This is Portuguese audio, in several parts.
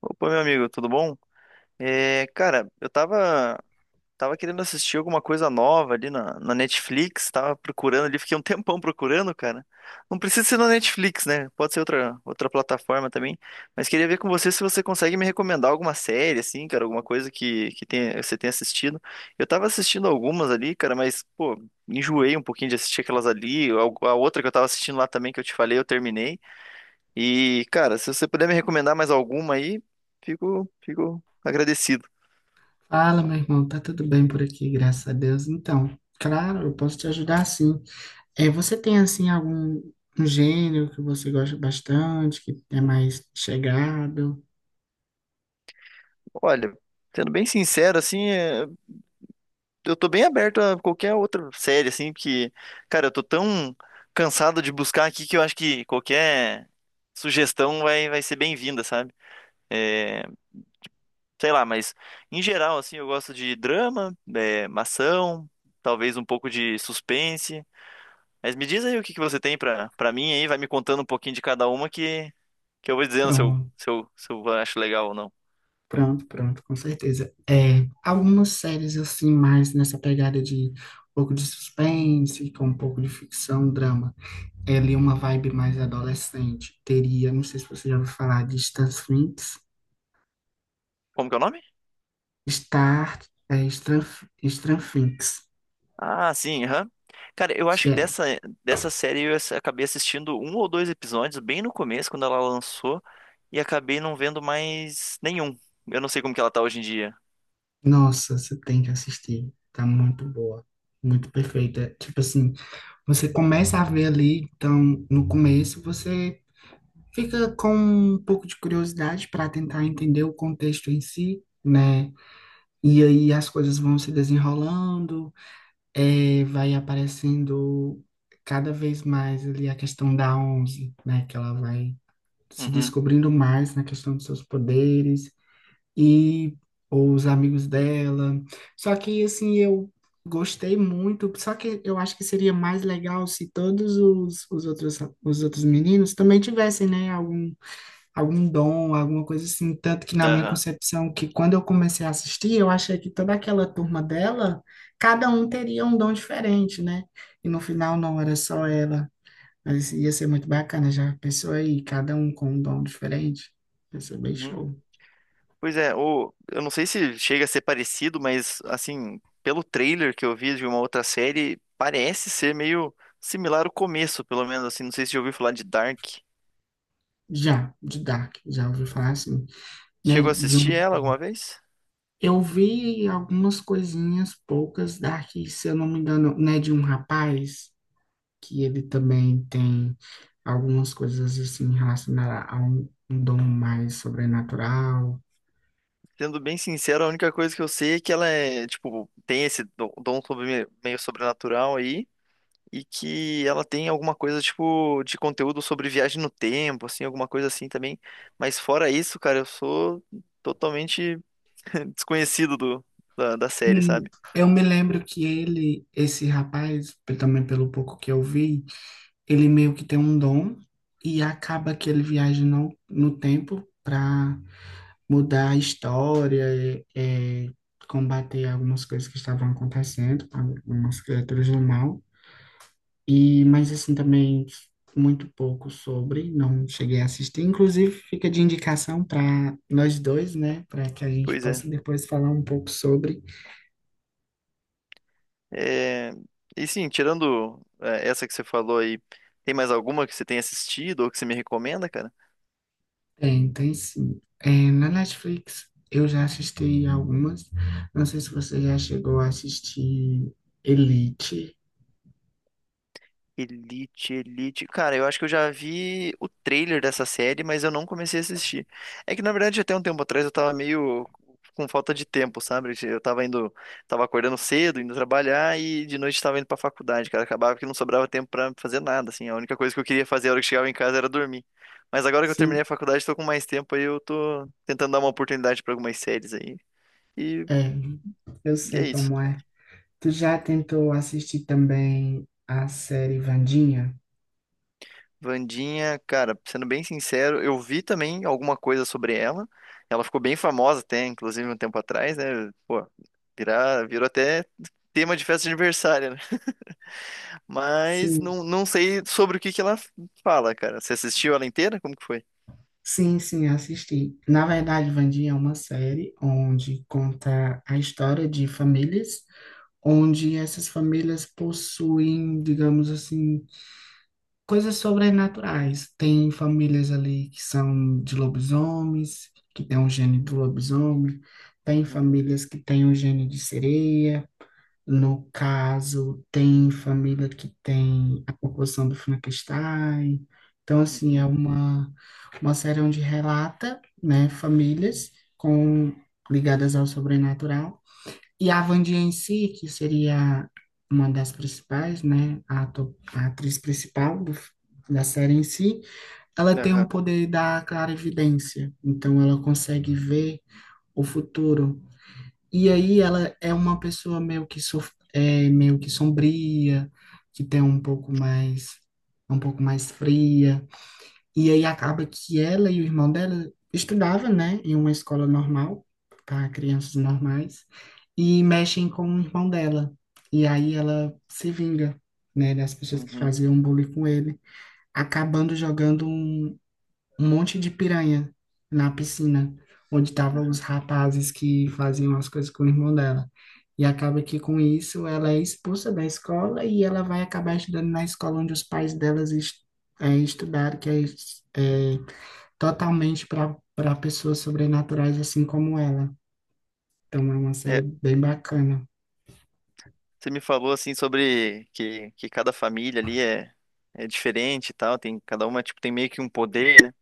Opa, meu amigo, tudo bom? Cara, tava querendo assistir alguma coisa nova ali na Netflix, tava procurando ali, fiquei um tempão procurando, cara. Não precisa ser na Netflix, né? Pode ser outra plataforma também, mas queria ver com você se você consegue me recomendar alguma série, assim, cara, alguma coisa que tenha, você tenha assistido. Eu tava assistindo algumas ali, cara, mas, pô, enjoei um pouquinho de assistir aquelas ali. A outra que eu tava assistindo lá também, que eu te falei, eu terminei. E, cara, se você puder me recomendar mais alguma aí, fico agradecido. Fala, meu irmão, tá tudo bem por aqui, graças a Deus. Então, claro, eu posso te ajudar sim. Você tem assim algum um gênero que você gosta bastante, que é mais chegado? Olha, sendo bem sincero, assim, eu tô bem aberto a qualquer outra série, assim, porque, cara, eu tô tão cansado de buscar aqui que eu acho que qualquer sugestão vai ser bem-vinda, sabe? É, Sei lá, mas em geral, assim, eu gosto de drama, ação, talvez um pouco de suspense. Mas me diz aí o que que você tem pra mim aí, vai me contando um pouquinho de cada uma que eu vou dizendo Pronto, se eu acho legal ou não. pronto, com certeza. Algumas séries assim mais nessa pegada de um pouco de suspense, com um pouco de ficção, drama. É ali uma vibe mais adolescente. Teria, não sei se você já ouviu falar de Stan Finks, Como que é o nome? Star, é, Stan, Stan Finks. Ah, sim, aham. Cara, eu acho que dessa série acabei assistindo um ou dois episódios bem no começo, quando ela lançou, e acabei não vendo mais nenhum. Eu não sei como que ela tá hoje em dia. Nossa, você tem que assistir. Tá muito boa, muito perfeita. Tipo assim, você começa a ver ali, então no começo você fica com um pouco de curiosidade para tentar entender o contexto em si, né? E aí as coisas vão se desenrolando, vai aparecendo cada vez mais ali a questão da Onze, né? Que ela vai se Uhum. descobrindo mais na questão dos seus poderes e ou os amigos dela. Só que assim eu gostei muito, só que eu acho que seria mais legal se todos os outros meninos também tivessem, né, algum dom, alguma coisa assim, tanto que na minha Aham. concepção que quando eu comecei a assistir, eu achei que toda aquela turma dela, cada um teria um dom diferente, né? E no final não era só ela. Mas ia ser muito bacana, já pensou aí, cada um com um dom diferente? Ia ser bem Uhum. show. Pois é, eu não sei se chega a ser parecido, mas assim, pelo trailer que eu vi de uma outra série, parece ser meio similar o começo, pelo menos assim. Não sei se já ouviu falar de Dark. Já, de Dark, já ouvi falar assim, né? Chegou a De assistir um, ela alguma vez? eu vi algumas coisinhas poucas Dark, se eu não me engano, né? De um rapaz que ele também tem algumas coisas assim relacionadas a um dom mais sobrenatural. Sendo bem sincero, a única coisa que eu sei é que ela é, tipo, tem esse dom sobre- meio sobrenatural aí, e que ela tem alguma coisa, tipo, de conteúdo sobre viagem no tempo, assim, alguma coisa assim também. Mas fora isso, cara, eu sou totalmente desconhecido da série, Sim, sabe? eu me lembro que ele, esse rapaz, também pelo pouco que eu vi, ele meio que tem um dom e acaba que ele viaja no tempo para mudar a história, combater algumas coisas que estavam acontecendo, algumas criaturas do mal. E, mas assim, também muito pouco sobre, não cheguei a assistir. Inclusive, fica de indicação para nós dois, né? Para que a gente Pois é. possa depois falar um pouco sobre. É, E sim, tirando essa que você falou aí, tem mais alguma que você tenha assistido ou que você me recomenda, cara? Tem, tem sim. Na Netflix, eu já assisti algumas. Não sei se você já chegou a assistir Elite. Elite. Cara, eu acho que eu já vi o trailer dessa série, mas eu não comecei a assistir. É que, na verdade, até um tempo atrás eu tava meio com falta de tempo, sabe? Tava acordando cedo, indo trabalhar e de noite tava indo pra faculdade, cara. Acabava que não sobrava tempo pra fazer nada, assim. A única coisa que eu queria fazer a hora que chegava em casa era dormir. Mas agora que eu terminei a Sim, faculdade, tô com mais tempo aí, eu tô tentando dar uma oportunidade pra algumas séries aí. E, é. Eu e é sei isso. como é. Tu já tentou assistir também a série Vandinha? Vandinha, cara, sendo bem sincero, eu vi também alguma coisa sobre ela. Ela ficou bem famosa até, inclusive, um tempo atrás, né? Pô, virou até tema de festa de aniversário, né? Sim. Não sei sobre o que que ela fala, cara. Você assistiu ela inteira? Como que foi? Sim, sim, assisti. Na verdade, Vandinha é uma série onde conta a história de famílias, onde essas famílias possuem, digamos assim, coisas sobrenaturais. Tem famílias ali que são de lobisomens, que tem o gene do lobisomem, tem Uhum, famílias que têm o gene de sereia. No caso, tem família que tem a proporção do Frankenstein. Então, assim, é uhum, uma série onde relata, né, famílias com ligadas ao sobrenatural. E a Wandinha em si, que seria uma das principais, né, a atriz principal do, da série em si, ela tem um aham, poder da clarividência. Então, ela consegue ver o futuro. E aí ela é uma pessoa meio que meio que sombria, que tem um pouco mais, um pouco mais fria. E aí uhum, acaba que ela e o irmão dela estudava, né, em uma escola normal para crianças normais e mexem com o irmão dela. E aí ela se vinga, né, das pessoas que uhum, faziam bullying com ele, acabando jogando um, um monte de piranha na piscina, onde estavam os aham. rapazes que faziam as coisas com o irmão dela. E acaba que com isso ela é expulsa da escola e ela vai acabar estudando na escola onde os pais delas estudaram, que é totalmente para pessoas sobrenaturais assim como ela. Então é uma série É, bem bacana. você me falou assim que cada família ali é diferente e tal, tem, cada uma tipo, tem meio que um poder.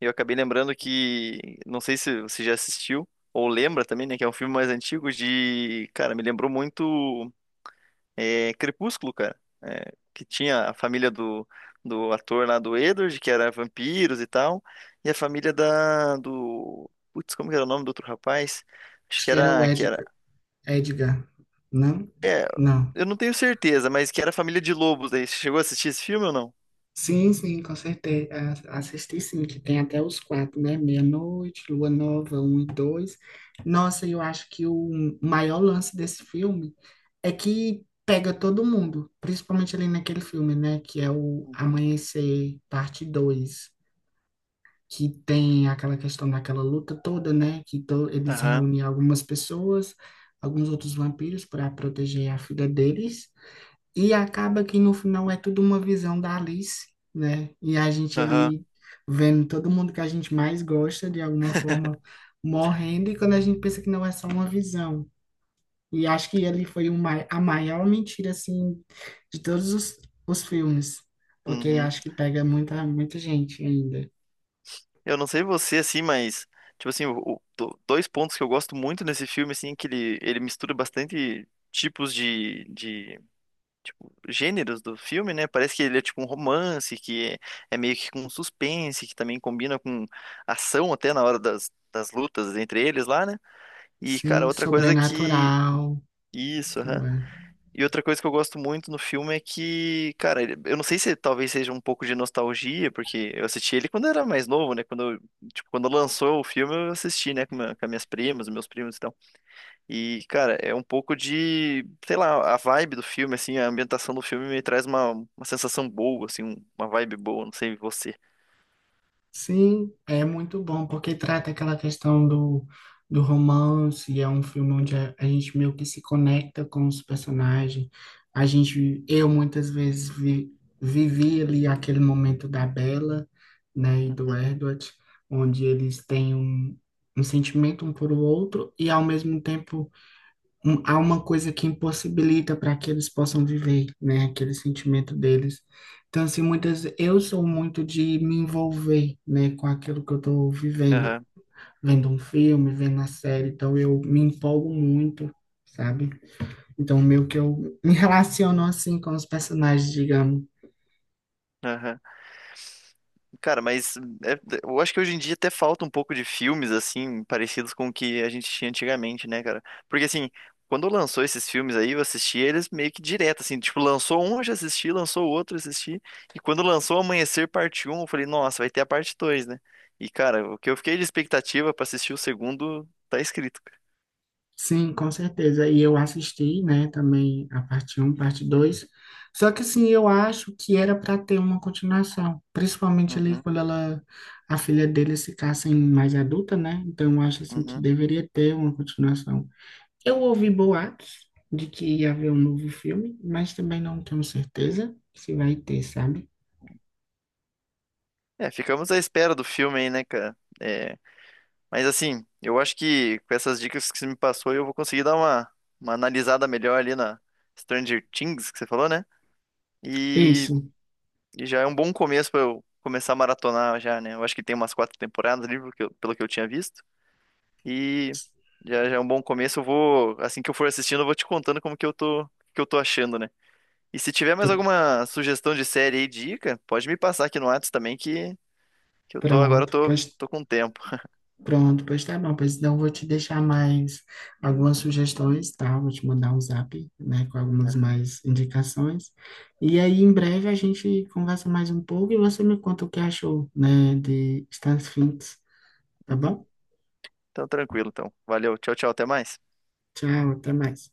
Eu acabei lembrando que, não sei se você já assistiu ou lembra também, né, que é um filme mais antigo de, cara, me lembrou muito Crepúsculo, cara. É, que tinha a família do, do ator lá do Edward, que era vampiros e tal, e a família da do, putz, como que era o nome do outro rapaz? Acho Acho que que era o que era, Edgar, Edgar, não? Não. eu não tenho certeza, mas que era a família de lobos aí. Você chegou a assistir esse filme ou não? Sim, sim, com certeza. Assisti sim, que tem até os quatro, né? Meia-noite, Lua Nova, um e dois. Nossa, eu acho que o maior lance desse filme é que pega todo mundo, principalmente ali naquele filme, né? Que é o Amanhecer, parte dois, que tem aquela questão daquela luta toda, né? Que to eles Aham, reúnem algumas pessoas, alguns outros vampiros para proteger a filha deles. E acaba que no final é tudo uma visão da Alice, né? E a gente aham, ali vendo todo mundo que a gente mais gosta, de alguma forma, morrendo, e quando a gente pensa que não é só uma visão. E acho que ele foi o a maior mentira, assim, de todos os filmes, porque uhum. acho que pega muita, muita gente ainda. Eu não sei você, assim, mas, tipo assim, dois pontos que eu gosto muito nesse filme, assim, é que ele mistura bastante tipos tipo, gêneros do filme, né? Parece que ele é tipo um romance, é meio que com suspense, que também combina com ação até na hora das lutas entre eles lá, né? E, cara, Sim, outra coisa que... Sobrenatural Isso, aham. também. E outra coisa que eu gosto muito no filme é que, cara, eu não sei se talvez seja um pouco de nostalgia, porque eu assisti ele quando eu era mais novo, né? Tipo, quando lançou o filme, eu assisti, né, com as minhas primas, meus primos e tal. E, cara, é um pouco de, sei lá, a vibe do filme, assim, a ambientação do filme me traz uma sensação boa, assim, uma vibe boa, não sei você. Sim, é muito bom, porque trata aquela questão do, do romance, é um filme onde a gente meio que se conecta com os personagens. A gente, eu muitas vezes vivi ali aquele momento da Bella, né, e do Uhum, Edward, onde eles têm um, um sentimento um por o outro, e ao mesmo tempo há uma coisa que impossibilita para que eles possam viver, né, aquele sentimento deles. Então, assim, muitas, eu sou muito de me envolver, né, com aquilo que eu estou vivendo, aham, vendo um filme, vendo a série, então eu me empolgo muito, sabe? Então, meio que eu me relaciono assim com os personagens, digamos. aham. Cara, mas eu acho que hoje em dia até falta um pouco de filmes, assim, parecidos com o que a gente tinha antigamente, né, cara? Porque, assim, quando lançou esses filmes aí, eu assisti eles meio que direto, assim, tipo, lançou um, eu já assisti, lançou o outro, eu assisti. E quando lançou Amanhecer Parte um eu falei, nossa, vai ter a parte dois, né? E, cara, o que eu fiquei de expectativa pra assistir o segundo tá escrito, cara. Sim, com certeza. E eu assisti, né, também a parte um parte dois. Só que assim, eu acho que era para ter uma continuação, principalmente ali Uhum, quando ela a filha dele ficasse mais adulta, né? Então eu acho assim que uhum. deveria ter uma continuação. Eu ouvi boatos de que ia haver um novo filme, mas também não tenho certeza se vai ter, sabe? É, ficamos à espera do filme aí, né, cara? É, mas assim, eu acho que com essas dicas que você me passou, eu vou conseguir dar uma analisada melhor ali na Stranger Things que você falou, né? E, Isso. e já é um bom começo pra eu começar a maratonar já, né? Eu acho que tem umas quatro temporadas ali, pelo que eu tinha visto. E já é um bom começo. Eu vou, assim que eu for assistindo, eu vou te contando como que eu tô achando, né? E se tiver mais Pr- alguma sugestão de série aí, dica, pode me passar aqui no Whats também que eu tô agora eu pronto. tô, Pois tô com tempo. Pronto, pois tá bom. Pois então eu vou te deixar mais algumas sugestões, tá? Vou te mandar um zap, né, com algumas mais indicações. E aí em breve a gente conversa mais um pouco e você me conta o que achou, né, de Stan Sphinx, tá Uhum. bom? Então tranquilo, então. Valeu, tchau, tchau, até mais. Tchau, até mais.